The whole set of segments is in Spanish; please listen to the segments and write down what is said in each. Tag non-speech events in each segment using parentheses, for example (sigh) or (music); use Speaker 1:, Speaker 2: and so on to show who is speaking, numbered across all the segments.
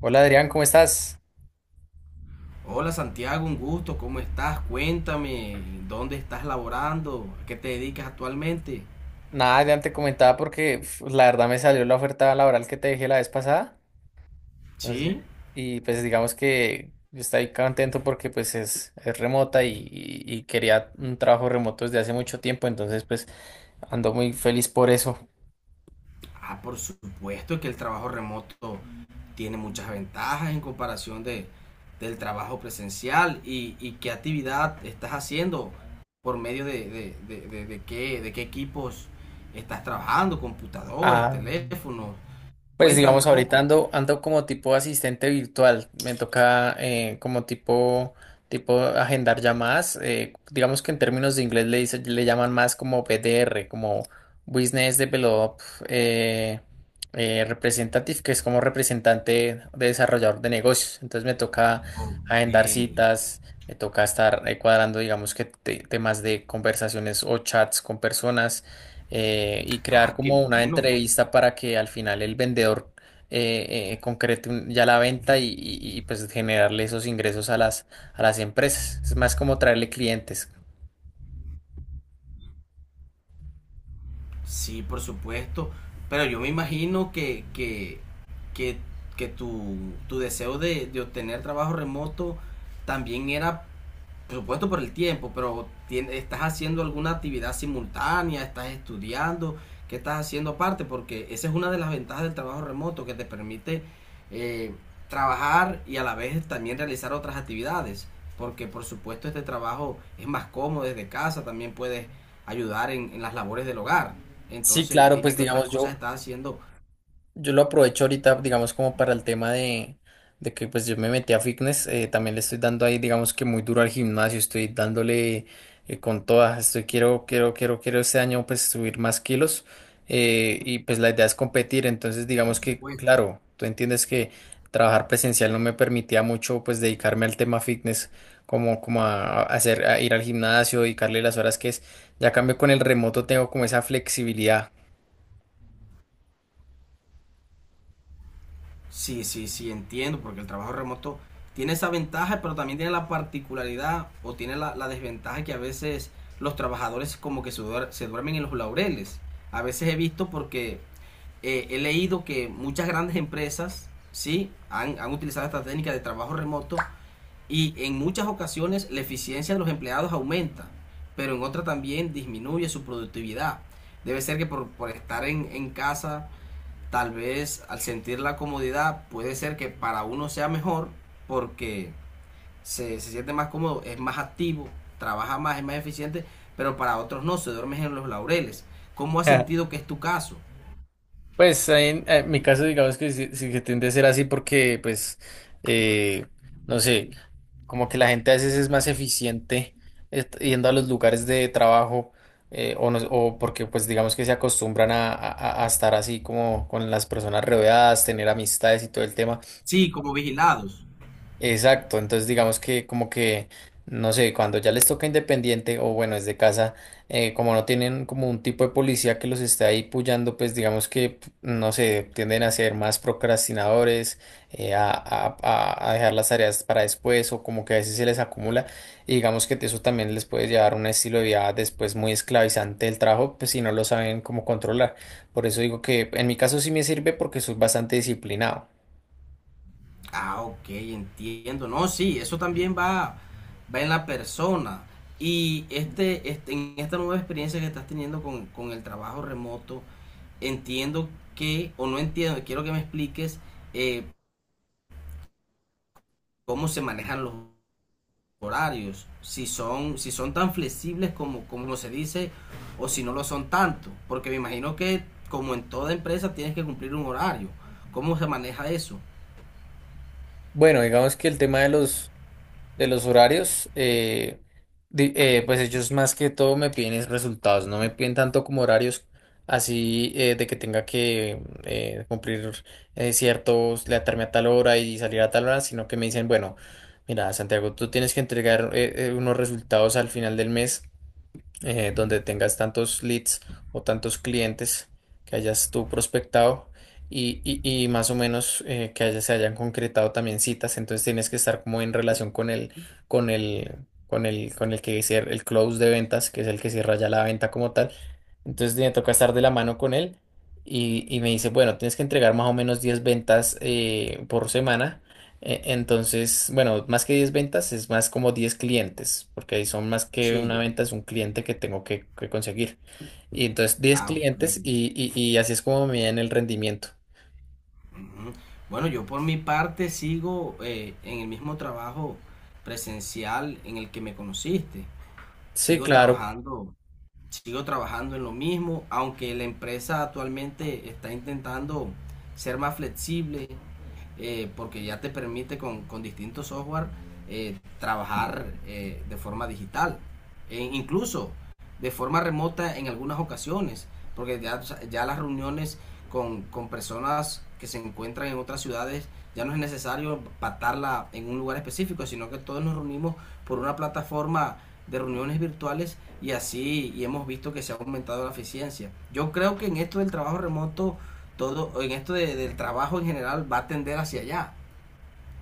Speaker 1: Hola Adrián, ¿cómo estás?
Speaker 2: Hola Santiago, un gusto, ¿cómo estás? Cuéntame, ¿dónde estás laborando? ¿A qué te dedicas actualmente?
Speaker 1: Nada, ya te comentaba porque uf, la verdad me salió la oferta laboral que te dejé la vez pasada. Entonces,
Speaker 2: Sí,
Speaker 1: y pues digamos que yo estoy contento porque pues es remota y quería un trabajo remoto desde hace mucho tiempo, entonces pues ando muy feliz por eso.
Speaker 2: por supuesto que el trabajo remoto tiene muchas ventajas en comparación del trabajo presencial. ¿Y qué actividad estás haciendo? ¿Por medio de qué, de qué equipos estás trabajando? ¿Computadores,
Speaker 1: Ah.
Speaker 2: teléfonos?
Speaker 1: Pues
Speaker 2: Cuéntame
Speaker 1: digamos,
Speaker 2: un
Speaker 1: ahorita
Speaker 2: poco.
Speaker 1: ando como tipo asistente virtual. Me toca como tipo agendar llamadas. Digamos que en términos de inglés le llaman más como BDR, como Business Develop eh, Representative, que es como representante de desarrollador de negocios. Entonces me toca
Speaker 2: Ok,
Speaker 1: agendar citas, me toca estar cuadrando, digamos que temas de conversaciones o chats con personas y crear
Speaker 2: ah, qué
Speaker 1: como una
Speaker 2: bueno.
Speaker 1: entrevista para que al final el vendedor concrete ya la venta y, pues generarle esos ingresos a las empresas. Es más como traerle clientes.
Speaker 2: Sí, por supuesto. Pero yo me imagino que, que tu deseo de obtener trabajo remoto también era por supuesto por el tiempo, pero estás haciendo alguna actividad simultánea, estás estudiando, ¿qué estás haciendo aparte? Porque esa es una de las ventajas del trabajo remoto que te permite eh, trabajar y a la vez también realizar otras actividades. Porque por supuesto este trabajo es más cómodo desde casa, también puedes ayudar en las labores del hogar.
Speaker 1: Sí,
Speaker 2: Entonces
Speaker 1: claro,
Speaker 2: dime
Speaker 1: pues
Speaker 2: qué otras
Speaker 1: digamos
Speaker 2: cosas
Speaker 1: yo,
Speaker 2: estás haciendo
Speaker 1: Yo lo aprovecho ahorita, digamos, como para el tema de que pues yo me metí a fitness, también le estoy dando ahí, digamos que muy duro al gimnasio, estoy dándole con todas, estoy quiero, quiero, quiero, quiero este año pues subir más kilos y pues la idea es competir. Entonces digamos que,
Speaker 2: pues.
Speaker 1: claro, tú entiendes que trabajar presencial no me permitía mucho pues dedicarme al tema fitness, como a ir al gimnasio, dedicarle las horas que es, ya cambio con el remoto tengo como esa flexibilidad.
Speaker 2: Sí, sí, sí, entiendo, porque el trabajo remoto tiene esa ventaja, pero también tiene la particularidad o tiene la desventaja que a veces los trabajadores como que se duermen en los laureles. A veces he visto porque he leído que muchas grandes empresas, sí, han utilizado esta técnica de trabajo remoto y en muchas ocasiones la eficiencia de los empleados aumenta, pero en otras también disminuye su productividad. Debe ser que por estar en casa tal vez al sentir la comodidad puede ser que para uno sea mejor porque se siente más cómodo, es más activo, trabaja más, es más eficiente, pero para otros no, se duermen en los laureles. ¿Cómo has
Speaker 1: (laughs)
Speaker 2: sentido que es tu caso?
Speaker 1: Pues ahí en mi caso, digamos que sí, sí que tiende a ser así porque, pues, eh, no sé, como que la gente a veces es más eficiente yendo a los lugares de trabajo o, no- o porque, pues, digamos que se acostumbran a estar así como con las personas rodeadas, tener amistades y todo el tema.
Speaker 2: Sí, como vigilados.
Speaker 1: Exacto, entonces digamos que como que, no sé, cuando ya les toca independiente o bueno, es de casa, como no tienen como un tipo de policía que los esté ahí puyando, pues digamos que, no sé, tienden a ser más procrastinadores, a dejar las tareas para después o como que a veces se les acumula y digamos que eso también les puede llevar a un estilo de vida después muy esclavizante del trabajo, pues si no lo saben cómo controlar. Por eso digo que en mi caso sí me sirve porque soy bastante disciplinado.
Speaker 2: Ah, ok, entiendo. No, sí, eso también va, va en la persona. Y en esta nueva experiencia que estás teniendo con el trabajo remoto, entiendo que, o no entiendo, quiero que me expliques eh, cómo se manejan los horarios, si son tan flexibles como, como se dice o si no lo son tanto, porque me imagino que como en toda empresa tienes que cumplir un horario. ¿Cómo se maneja eso?
Speaker 1: Bueno, digamos que el tema de los horarios, pues ellos más que todo me piden es resultados, no me piden tanto como horarios así de que tenga que cumplir ciertos, levantarme a tal hora y salir a tal hora, sino que me dicen, bueno, mira, Santiago, tú tienes que entregar unos resultados al final del mes donde tengas tantos leads o tantos clientes que hayas tú prospectado y más o menos que se hayan concretado también citas, entonces tienes que estar como en relación con el, con el que el close de ventas, que es el que cierra ya la venta como tal. Entonces me toca estar de la mano con él y me dice, bueno, tienes que entregar más o menos 10 ventas por semana. Entonces, bueno, más que 10 ventas es más como 10 clientes, porque ahí son más que una
Speaker 2: Sí.
Speaker 1: venta, es un cliente que tengo que conseguir. Y entonces diez
Speaker 2: Ah, ok.
Speaker 1: clientes y así es como me miden el rendimiento.
Speaker 2: Ujú. Bueno, yo por mi parte sigo en el mismo trabajo presencial en el que me conociste.
Speaker 1: Sí,
Speaker 2: Sigo
Speaker 1: claro,
Speaker 2: trabajando Sigo trabajando en lo mismo, aunque la empresa actualmente está intentando ser más flexible, porque ya te permite con distintos software trabajar de forma digital, e incluso de forma remota en algunas ocasiones, porque ya las reuniones con personas que se encuentran en otras ciudades ya no es necesario patarla en un lugar específico, sino que todos nos reunimos por una plataforma de reuniones virtuales y así y hemos visto que se ha aumentado la eficiencia. Yo creo que en esto del trabajo remoto, todo, en del trabajo en general va a tender hacia allá.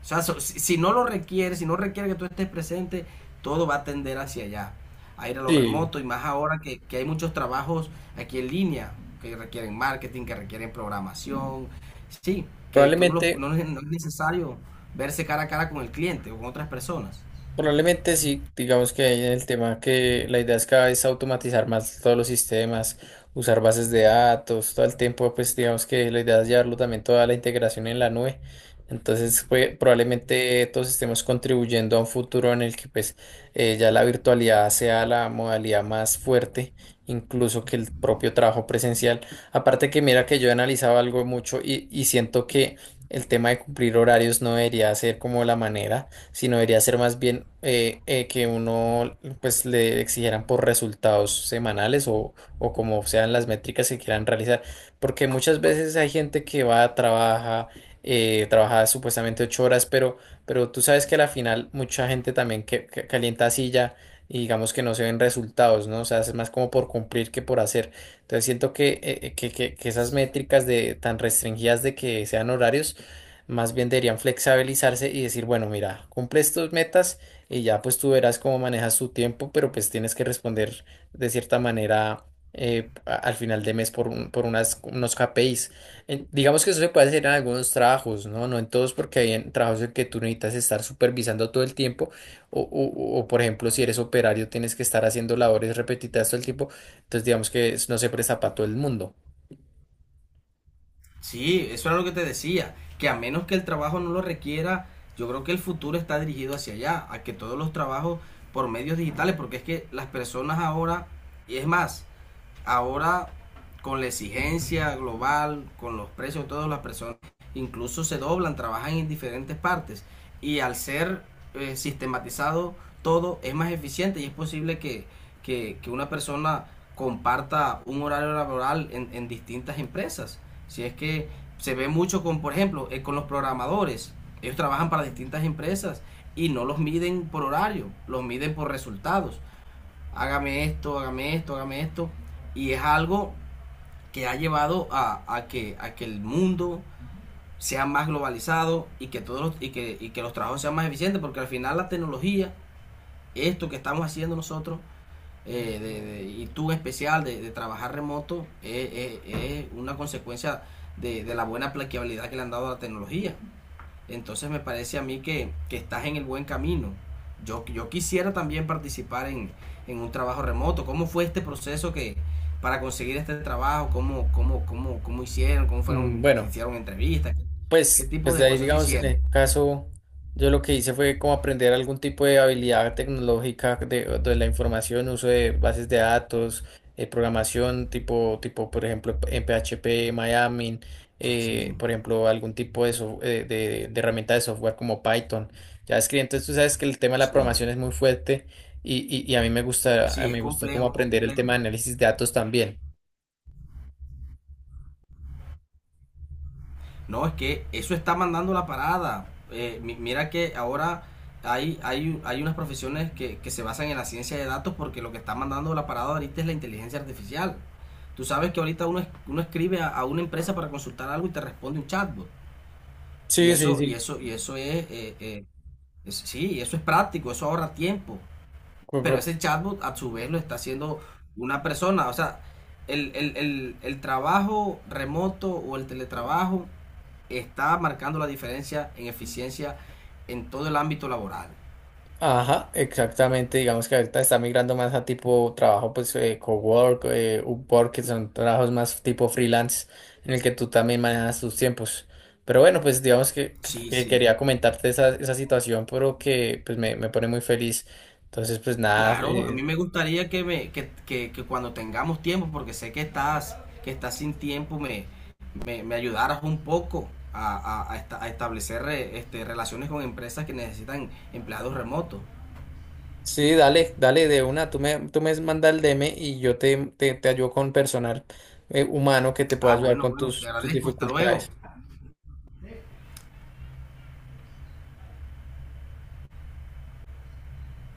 Speaker 2: O sea, si no lo requiere, si no requiere que tú estés presente, todo va a tender hacia allá, a ir a lo
Speaker 1: sí.
Speaker 2: remoto y más ahora que hay muchos trabajos aquí en línea que requieren marketing, que requieren programación, sí, que
Speaker 1: Probablemente
Speaker 2: no es no es necesario verse cara a cara con el cliente o con otras personas.
Speaker 1: Probablemente sí, digamos que hay en el tema que la idea es cada vez automatizar más todos los sistemas, usar bases de datos, todo el tiempo, pues digamos que la idea es llevarlo también toda la integración en la nube. Entonces, pues, probablemente todos estemos contribuyendo a un futuro en el que pues ya la virtualidad sea la modalidad más fuerte, incluso que el propio trabajo presencial. Aparte que mira que yo he analizado algo mucho y siento que el tema de cumplir horarios no debería ser como la manera, sino debería ser más bien que uno pues le exigieran por resultados semanales o como sean las métricas que quieran realizar, porque muchas veces hay gente que va, trabaja supuestamente 8 horas, pero tú sabes que a la final mucha gente también que calienta silla y digamos que no se ven resultados, ¿no? O sea, es más como por cumplir que por hacer. Entonces siento que, que esas métricas de tan restringidas de que sean horarios, más bien deberían flexibilizarse y decir, bueno, mira, cumples tus metas y ya pues tú verás cómo manejas tu tiempo, pero pues tienes que responder de cierta manera al final de mes por unos KPIs. Digamos que eso se puede hacer en algunos trabajos, ¿no? No en todos porque hay en trabajos en que tú necesitas estar supervisando todo el tiempo o, por ejemplo, si eres operario tienes que estar haciendo labores repetitivas todo el tiempo, entonces digamos que no se presta para todo el mundo.
Speaker 2: Sí, eso era lo que te decía, que a menos que el trabajo no lo requiera, yo creo que el futuro está dirigido hacia allá, a que todos los trabajos por medios digitales, porque es que las personas ahora, y es más, ahora con la exigencia global, con los precios de todas las personas, incluso se doblan, trabajan en diferentes partes. Y al ser sistematizado todo, es más eficiente y es posible que una persona comparta un horario laboral distintas empresas. Si es que se ve mucho con, por ejemplo, con los programadores. Ellos trabajan para distintas empresas y no los miden por horario, los miden por resultados, hágame esto, hágame esto, hágame esto. Y es algo que ha llevado a a que el mundo sea más globalizado y que, y, y que los trabajos sean más eficientes, porque al final la tecnología, esto que estamos haciendo nosotros, y tú en especial, de trabajar remoto, es una consecuencia de la buena aplicabilidad que le han dado a la tecnología. Entonces me parece a mí que estás en el buen camino. Yo quisiera también participar en un trabajo remoto. ¿Cómo fue este proceso que para conseguir este trabajo? Cómo hicieron? ¿Cómo
Speaker 1: Mm,
Speaker 2: fueron? ¿Se
Speaker 1: bueno.
Speaker 2: hicieron entrevistas? ¿Qué, qué
Speaker 1: Pues,
Speaker 2: tipo
Speaker 1: pues de
Speaker 2: de
Speaker 1: ahí,
Speaker 2: proceso
Speaker 1: digamos, en
Speaker 2: hicieron?
Speaker 1: el caso, yo lo que hice fue como aprender algún tipo de habilidad tecnológica de la información, uso de bases de datos, programación por ejemplo, en PHP, Miami,
Speaker 2: Sí,
Speaker 1: por ejemplo, algún tipo de herramienta de software como Python, JavaScript. Entonces, tú sabes que el tema de la
Speaker 2: sí,
Speaker 1: programación es muy fuerte y a
Speaker 2: sí,
Speaker 1: mí
Speaker 2: es
Speaker 1: me gustó como
Speaker 2: complejo, un poco
Speaker 1: aprender el
Speaker 2: complejo.
Speaker 1: tema de análisis de datos también.
Speaker 2: No, es que eso está mandando la parada. Mira que ahora hay unas profesiones que se basan en la ciencia de datos porque lo que está mandando la parada ahorita es la inteligencia artificial. Tú sabes que ahorita uno escribe a una empresa para consultar algo y te responde un chatbot.
Speaker 1: Sí, sí,
Speaker 2: Y eso es, sí, eso es práctico, eso ahorra tiempo.
Speaker 1: sí.
Speaker 2: Pero ese chatbot a su vez lo está haciendo una persona. O sea, el trabajo remoto o el teletrabajo está marcando la diferencia en eficiencia en todo el ámbito laboral.
Speaker 1: Ajá, exactamente. Digamos que ahorita está migrando más a tipo trabajo, pues cowork, Upwork, que son trabajos más tipo freelance, en el que tú también manejas tus tiempos. Pero bueno, pues digamos que, que-
Speaker 2: Sí,
Speaker 1: que
Speaker 2: sí.
Speaker 1: quería comentarte esa situación, pero que pues me pone muy feliz. Entonces, pues nada,
Speaker 2: Claro, a mí me gustaría que, me, que cuando tengamos tiempo, porque sé que estás sin tiempo, me ayudaras un poco a establecer relaciones con empresas que necesitan empleados remotos.
Speaker 1: sí, dale, dale de una. Tú me manda el DM y yo te ayudo con personal humano que te pueda
Speaker 2: Ah,
Speaker 1: ayudar
Speaker 2: bueno,
Speaker 1: con
Speaker 2: bueno, te
Speaker 1: tus
Speaker 2: agradezco, hasta luego.
Speaker 1: dificultades.